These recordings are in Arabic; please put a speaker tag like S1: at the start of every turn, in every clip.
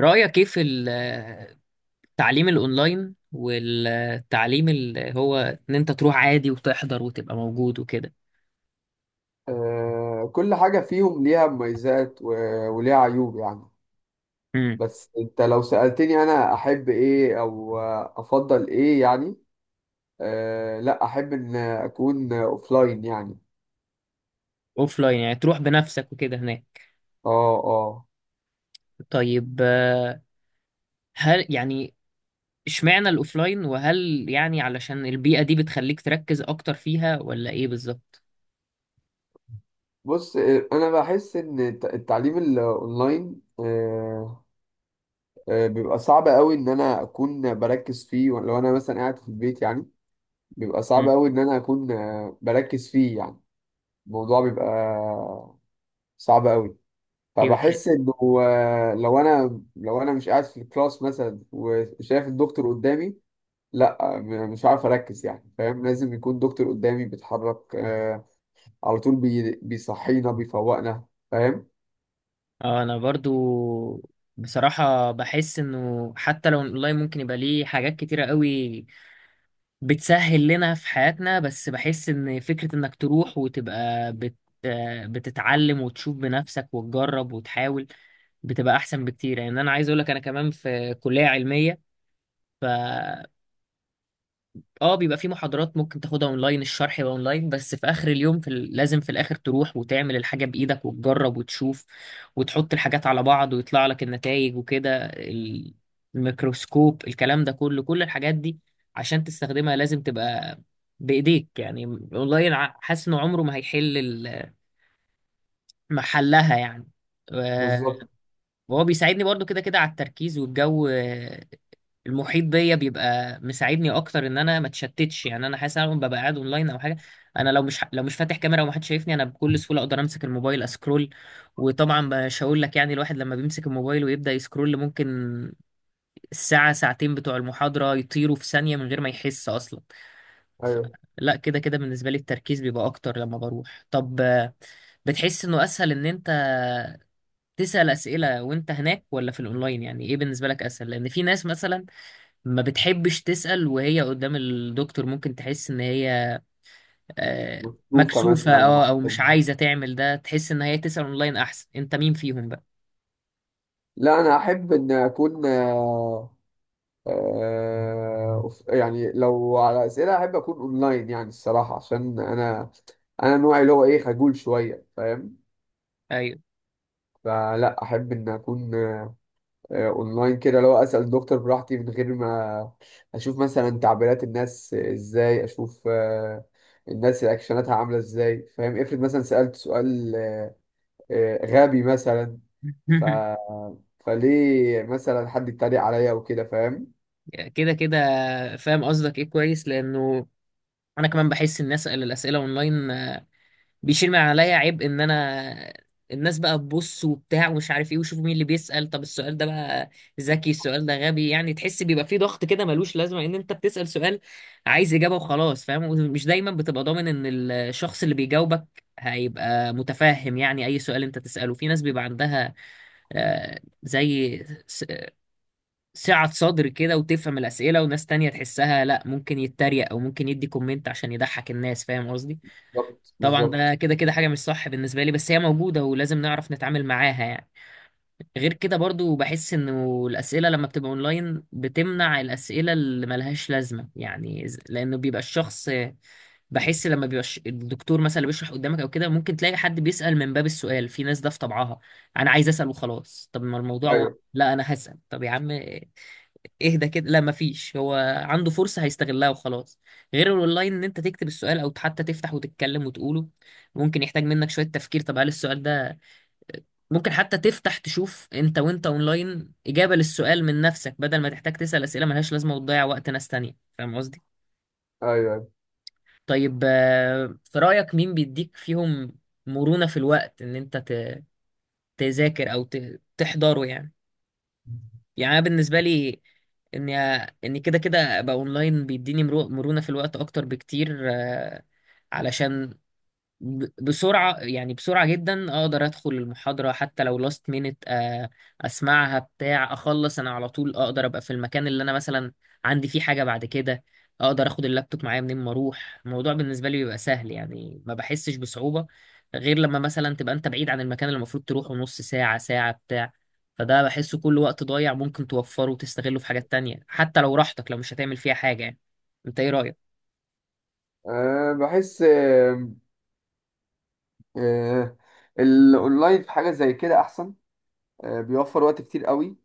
S1: رأيك ايه في التعليم الاونلاين، والتعليم اللي هو ان انت تروح عادي وتحضر وتبقى موجود وكده.
S2: كل حاجة فيهم ليها مميزات وليها عيوب يعني.
S1: امم.
S2: بس انت لو سألتني، انا احب ايه او افضل ايه يعني. لا، احب ان اكون اوفلاين يعني.
S1: اوفلاين يعني تروح بنفسك وكده هناك.
S2: اه اه.
S1: طيب. هل يعني، اشمعنى الاوفلاين؟ وهل يعني علشان البيئة دي بتخليك تركز اكتر فيها ولا ايه بالظبط؟
S2: بص، انا بحس ان التعليم الاونلاين بيبقى صعب قوي ان انا اكون بركز فيه لو انا مثلا قاعد في البيت يعني. بيبقى صعب
S1: امم.
S2: قوي ان انا اكون بركز فيه يعني. الموضوع بيبقى صعب قوي،
S1: ايه بتحب؟
S2: فبحس انه لو انا مش قاعد في الكلاس مثلا وشايف الدكتور قدامي، لا، مش عارف اركز يعني، فاهم. لازم يكون دكتور قدامي بيتحرك على طول، بيصحينا بيفوقنا، فاهم.
S1: اه، انا برضو بصراحة بحس انه حتى لو الاونلاين ممكن يبقى ليه حاجات كتيرة قوي بتسهل لنا في حياتنا، بس بحس ان فكرة انك تروح وتبقى بتتعلم وتشوف بنفسك وتجرب وتحاول بتبقى احسن بكتير. يعني انا عايز اقولك، انا كمان في كلية علمية. اه، بيبقى في محاضرات ممكن تاخدها اونلاين، الشرح يبقى اونلاين، بس في اخر اليوم لازم في الاخر تروح وتعمل الحاجة بايدك وتجرب وتشوف وتحط الحاجات على بعض ويطلع لك النتائج وكده. الميكروسكوب، الكلام ده كله، كل الحاجات دي عشان تستخدمها لازم تبقى بايديك يعني. اونلاين، حاسس انه عمره ما هيحل محلها يعني. و-
S2: بالظبط.
S1: وهو بيساعدني برضو كده كده على التركيز، والجو المحيط بيا بيبقى مساعدني اكتر ان انا ما اتشتتش. يعني انا حاسس ان انا ببقى قاعد اونلاين او حاجه، انا لو مش فاتح كاميرا ومحدش شايفني انا بكل سهوله اقدر امسك الموبايل اسكرول. وطبعا مش هقول لك يعني، الواحد لما بيمسك الموبايل ويبدا يسكرول ممكن الساعه ساعتين بتوع المحاضره يطيروا في ثانيه من غير ما يحس اصلا. ف-
S2: ايوه.
S1: لا، كده كده بالنسبه لي التركيز بيبقى اكتر لما بروح. طب، بتحس انه اسهل ان انت تسأل أسئلة وانت هناك ولا في الاونلاين؟ يعني ايه بالنسبة لك اسهل؟ لان في ناس مثلا ما بتحبش تسأل وهي قدام الدكتور، ممكن تحس ان هي آه،
S2: مكتوفة
S1: مكسوفة،
S2: مثلا،
S1: اه، او مش
S2: محفظة.
S1: عايزة تعمل ده، تحس ان هي تسأل اونلاين احسن. انت مين فيهم بقى؟
S2: لا، انا احب ان اكون يعني لو على اسئله احب اكون اونلاين يعني الصراحه، عشان انا نوعي اللي هو ايه، خجول شويه، فاهم.
S1: ايوه.
S2: فلا احب ان اكون اونلاين كده، لو اسال دكتور براحتي من غير ما اشوف مثلا تعبيرات الناس ازاي، اشوف الناس رياكشناتها عامله ازاي، فاهم. افرض مثلا سالت سؤال غبي مثلا، ف فليه مثلا حد يتريق عليا وكده، فاهم.
S1: كده كده فاهم قصدك ايه، كويس. لانه انا كمان بحس ان اسأل الاسئلة اونلاين بيشيل من عليا عيب، ان انا الناس بقى تبص وبتاع ومش عارف ايه، وشوفوا مين اللي بيسأل، طب السؤال ده بقى ذكي، السؤال ده غبي. يعني تحس بيبقى فيه ضغط كده ملوش لازمة، ان انت بتسأل سؤال عايز إجابة وخلاص فاهم. ومش دايما بتبقى ضامن ان الشخص اللي بيجاوبك هيبقى متفاهم، يعني اي سؤال انت تسأله في ناس بيبقى عندها زي س- سعة صدر كده وتفهم الأسئلة، وناس تانية تحسها لا، ممكن يتريق او ممكن يدي كومنت عشان يضحك الناس، فاهم قصدي.
S2: بالظبط،
S1: طبعا ده
S2: بالظبط.
S1: كده كده حاجة مش صح بالنسبة لي، بس هي موجودة ولازم نعرف نتعامل معاها يعني. غير كده برضو بحس انه الأسئلة لما بتبقى اونلاين بتمنع الأسئلة اللي ملهاش لازمة، يعني لأنه بيبقى الشخص بحس لما بيبقى الدكتور مثلا اللي بيشرح قدامك أو كده، ممكن تلاقي حد بيسأل من باب السؤال، في ناس ده في طبعها أنا عايز أسأل وخلاص، طب ما الموضوع
S2: ايوه،
S1: لا أنا هسأل. طب يا عم اهدى كده، لا مفيش، هو عنده فرصة هيستغلها وخلاص. غير الاونلاين ان انت تكتب السؤال او حتى تفتح وتتكلم وتقوله ممكن يحتاج منك شوية تفكير، طب هل السؤال ده ممكن حتى تفتح تشوف انت وانت اونلاين اجابة للسؤال من نفسك بدل ما تحتاج تسأل اسئلة ملهاش لازمة وتضيع وقت ناس تانية، فاهم قصدي.
S2: ايوه.
S1: طيب، في رأيك مين بيديك فيهم مرونة في الوقت ان انت تذاكر او تحضره يعني؟ يعني انا بالنسبه لي اني اني كده كده ابقى اونلاين بيديني مرونه في الوقت اكتر بكتير. علشان بسرعة يعني، بسرعة جدا أقدر أدخل المحاضرة حتى لو لاست مينت. أسمعها بتاع أخلص أنا على طول أقدر أبقى في المكان اللي أنا مثلا عندي فيه حاجة بعد كده. أقدر أخد اللابتوب معايا منين ما أروح، الموضوع بالنسبة لي بيبقى سهل يعني، ما بحسش بصعوبة. غير لما مثلا تبقى أنت بعيد عن المكان اللي المفروض تروحه نص ساعة ساعة بتاع. فده بحسه كل وقت ضايع ممكن توفره وتستغله في حاجات تانية، حتى لو راحتك، لو مش هتعمل فيها حاجة يعني. أنت إيه رأيك؟
S2: بحس أه الاونلاين في حاجه زي كده احسن. أه، بيوفر وقت كتير قوي.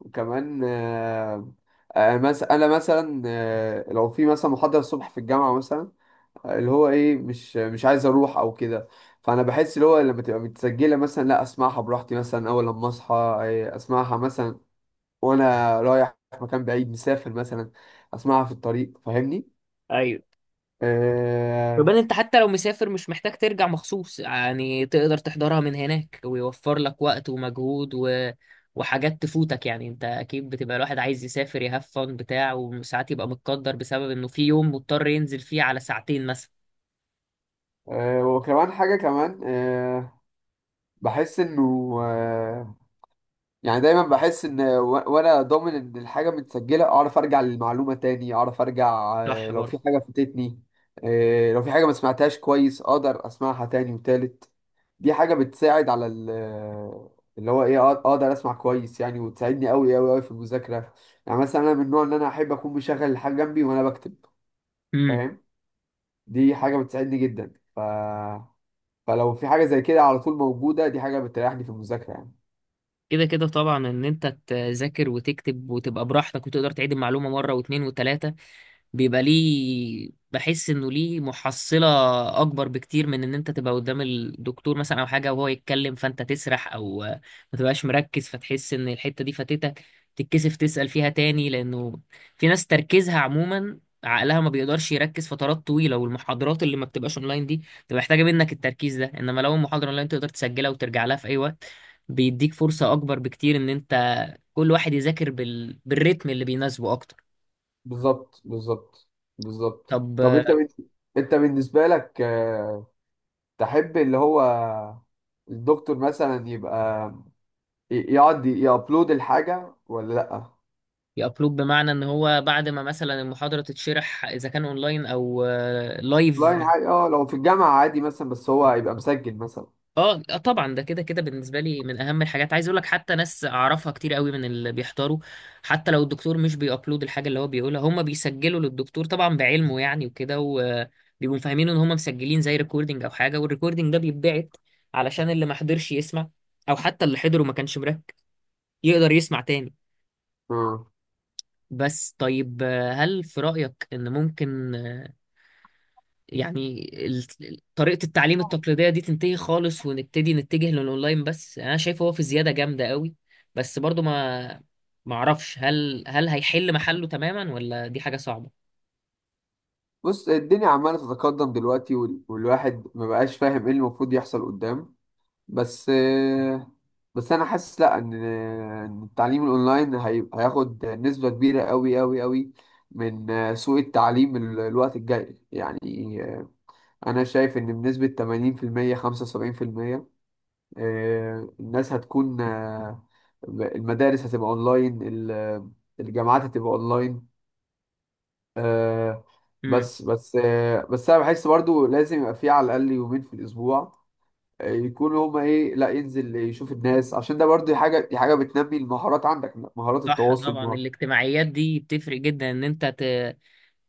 S2: وكمان انا مثلا، لو في مثلا محاضرة الصبح في الجامعة مثلا، اللي هو ايه، مش عايز اروح او كده، فانا بحس اللي هو لما تبقى متسجلة مثلا، لا، اسمعها براحتي مثلا، اول لما اصحى اسمعها مثلا وانا رايح مكان بعيد مسافر مثلا، اسمعها في الطريق، فاهمني. آه،
S1: يبقى انت حتى لو مسافر مش محتاج ترجع مخصوص، يعني تقدر تحضرها من هناك ويوفر لك وقت ومجهود وحاجات تفوتك، يعني انت اكيد بتبقى الواحد عايز يسافر يهاف فن بتاع، وساعات يبقى متقدر بسبب انه في يوم مضطر ينزل فيه على ساعتين مثلا.
S2: وكمان حاجة كمان، بحس انه آه، يعني دايما بحس ان وانا ضامن ان الحاجه متسجله، اعرف ارجع للمعلومه تاني، اعرف ارجع
S1: صح
S2: لو
S1: برضه.
S2: في حاجه فاتتني، لو في حاجه ما سمعتهاش كويس اقدر اسمعها تاني وتالت. دي حاجه بتساعد على اللي هو ايه، اقدر اسمع كويس يعني، وتساعدني قوي قوي قوي في المذاكره. يعني مثلا انا من النوع ان انا احب اكون مشغل الحاجه جنبي وانا بكتب،
S1: امم.
S2: فاهم. دي حاجه بتساعدني جدا، فلو في حاجه زي كده على طول موجوده، دي حاجه بتريحني في المذاكره يعني.
S1: كده كده طبعا، ان انت تذاكر وتكتب وتبقى براحتك وتقدر تعيد المعلومة مرة واثنين وثلاثة بيبقى ليه، بحس انه ليه محصلة اكبر بكتير من ان انت تبقى قدام الدكتور مثلا او حاجة وهو يتكلم فانت تسرح او ما تبقاش مركز، فتحس ان الحتة دي فاتتك، تتكسف تسأل فيها تاني، لانه في ناس تركيزها عموما عقلها ما بيقدرش يركز فترات طويلة، والمحاضرات اللي ما بتبقاش اونلاين دي بتبقى محتاجة منك التركيز ده. انما لو المحاضرة اونلاين تقدر تسجلها وترجع لها في اي وقت، بيديك فرصة اكبر بكتير ان انت كل واحد يذاكر بالريتم اللي بيناسبه اكتر.
S2: بالظبط، بالظبط، بالظبط.
S1: طب،
S2: طب انت انت بالنسبه لك تحب اللي هو الدكتور مثلا يبقى يقعد يابلود الحاجه ولا لا؟
S1: يابلود بمعنى ان هو بعد ما مثلا المحاضره تتشرح اذا كان اونلاين او لايف.
S2: لاين حاجه، اه. لو في الجامعه عادي مثلا، بس هو يبقى مسجل مثلا.
S1: اه، طبعا ده كده كده بالنسبه لي من اهم الحاجات. عايز اقول لك حتى ناس اعرفها كتير قوي من اللي بيحضروا، حتى لو الدكتور مش بيابلود الحاجه اللي هو بيقولها هم بيسجلوا للدكتور طبعا بعلمه يعني وكده، وبيبقوا فاهمين ان هم مسجلين زي ريكوردنج او حاجه، والريكوردنج ده بيتبعت علشان اللي ما حضرش يسمع، او حتى اللي حضره ما كانش مركز يقدر يسمع تاني.
S2: اه،
S1: بس، طيب، هل في رايك ان ممكن يعني طريقة التعليم التقليدية دي تنتهي خالص ونبتدي نتجه للأونلاين بس؟ يعني أنا شايفه هو في زيادة جامدة قوي، بس برضو ما أعرفش هل هيحل محله تماما ولا دي حاجة صعبة.
S2: بص، الدنيا عماله تتقدم دلوقتي، والواحد ما بقاش فاهم ايه المفروض يحصل قدام. بس، بس انا حاسس لا، ان إن التعليم الاونلاين هياخد نسبة كبيرة قوي قوي قوي من سوق التعليم، الوقت الجاي يعني. انا شايف ان بنسبة 80% 75% الناس هتكون، المدارس هتبقى اونلاين، الجامعات هتبقى اونلاين، آه،
S1: امم.
S2: بس بس انا بحس برضو لازم يبقى في على الاقل يومين في الاسبوع يكونوا هما ايه، لا، ينزل يشوف الناس، عشان ده برضه حاجه، دي حاجه بتنمي المهارات عندك، مهارات
S1: صح
S2: التواصل
S1: طبعا، الاجتماعيات دي بتفرق جدا، إن أنت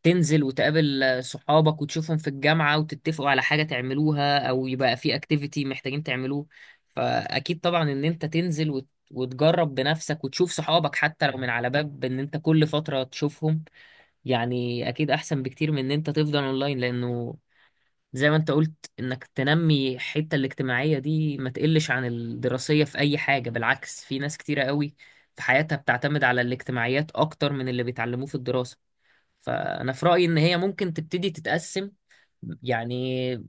S1: تنزل وتقابل صحابك وتشوفهم في الجامعة وتتفقوا على حاجة تعملوها، أو يبقى في اكتيفيتي محتاجين تعملوه. فأكيد طبعا إن أنت تنزل وتجرب بنفسك وتشوف صحابك حتى لو من على باب إن أنت كل فترة تشوفهم، يعني أكيد أحسن بكتير من إن أنت تفضل أونلاين. لأنه زي ما أنت قلت إنك تنمي الحتة الاجتماعية دي، ما تقلش عن الدراسية في أي حاجة، بالعكس في ناس كتيرة قوي في حياتها بتعتمد على الاجتماعيات أكتر من اللي بيتعلموه في الدراسة. فأنا في رأيي إن هي ممكن تبتدي تتقسم، يعني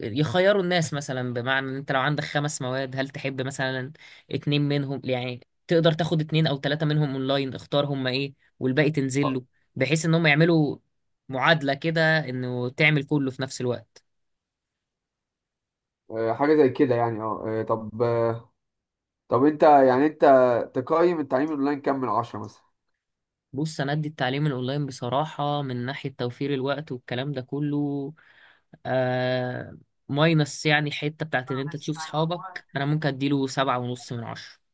S1: يخيروا الناس مثلا، بمعنى إن أنت لو عندك 5 مواد هل تحب مثلا 2 منهم يعني؟ تقدر تاخد 2 أو 3 منهم أونلاين، اختار هما إيه، والباقي تنزل له، بحيث إن هم يعملوا معادلة كده، إنه تعمل كله في نفس الوقت.
S2: حاجه زي كده يعني. اه طب، انت يعني انت تقيم التعليم الاونلاين كام من 10
S1: بص، أنا أدي التعليم الأونلاين بصراحة من ناحية توفير الوقت والكلام ده كله آه ماينس يعني حتة بتاعت إن أنت تشوف
S2: مثلا؟
S1: صحابك، أنا ممكن أديله 7.5 من 10.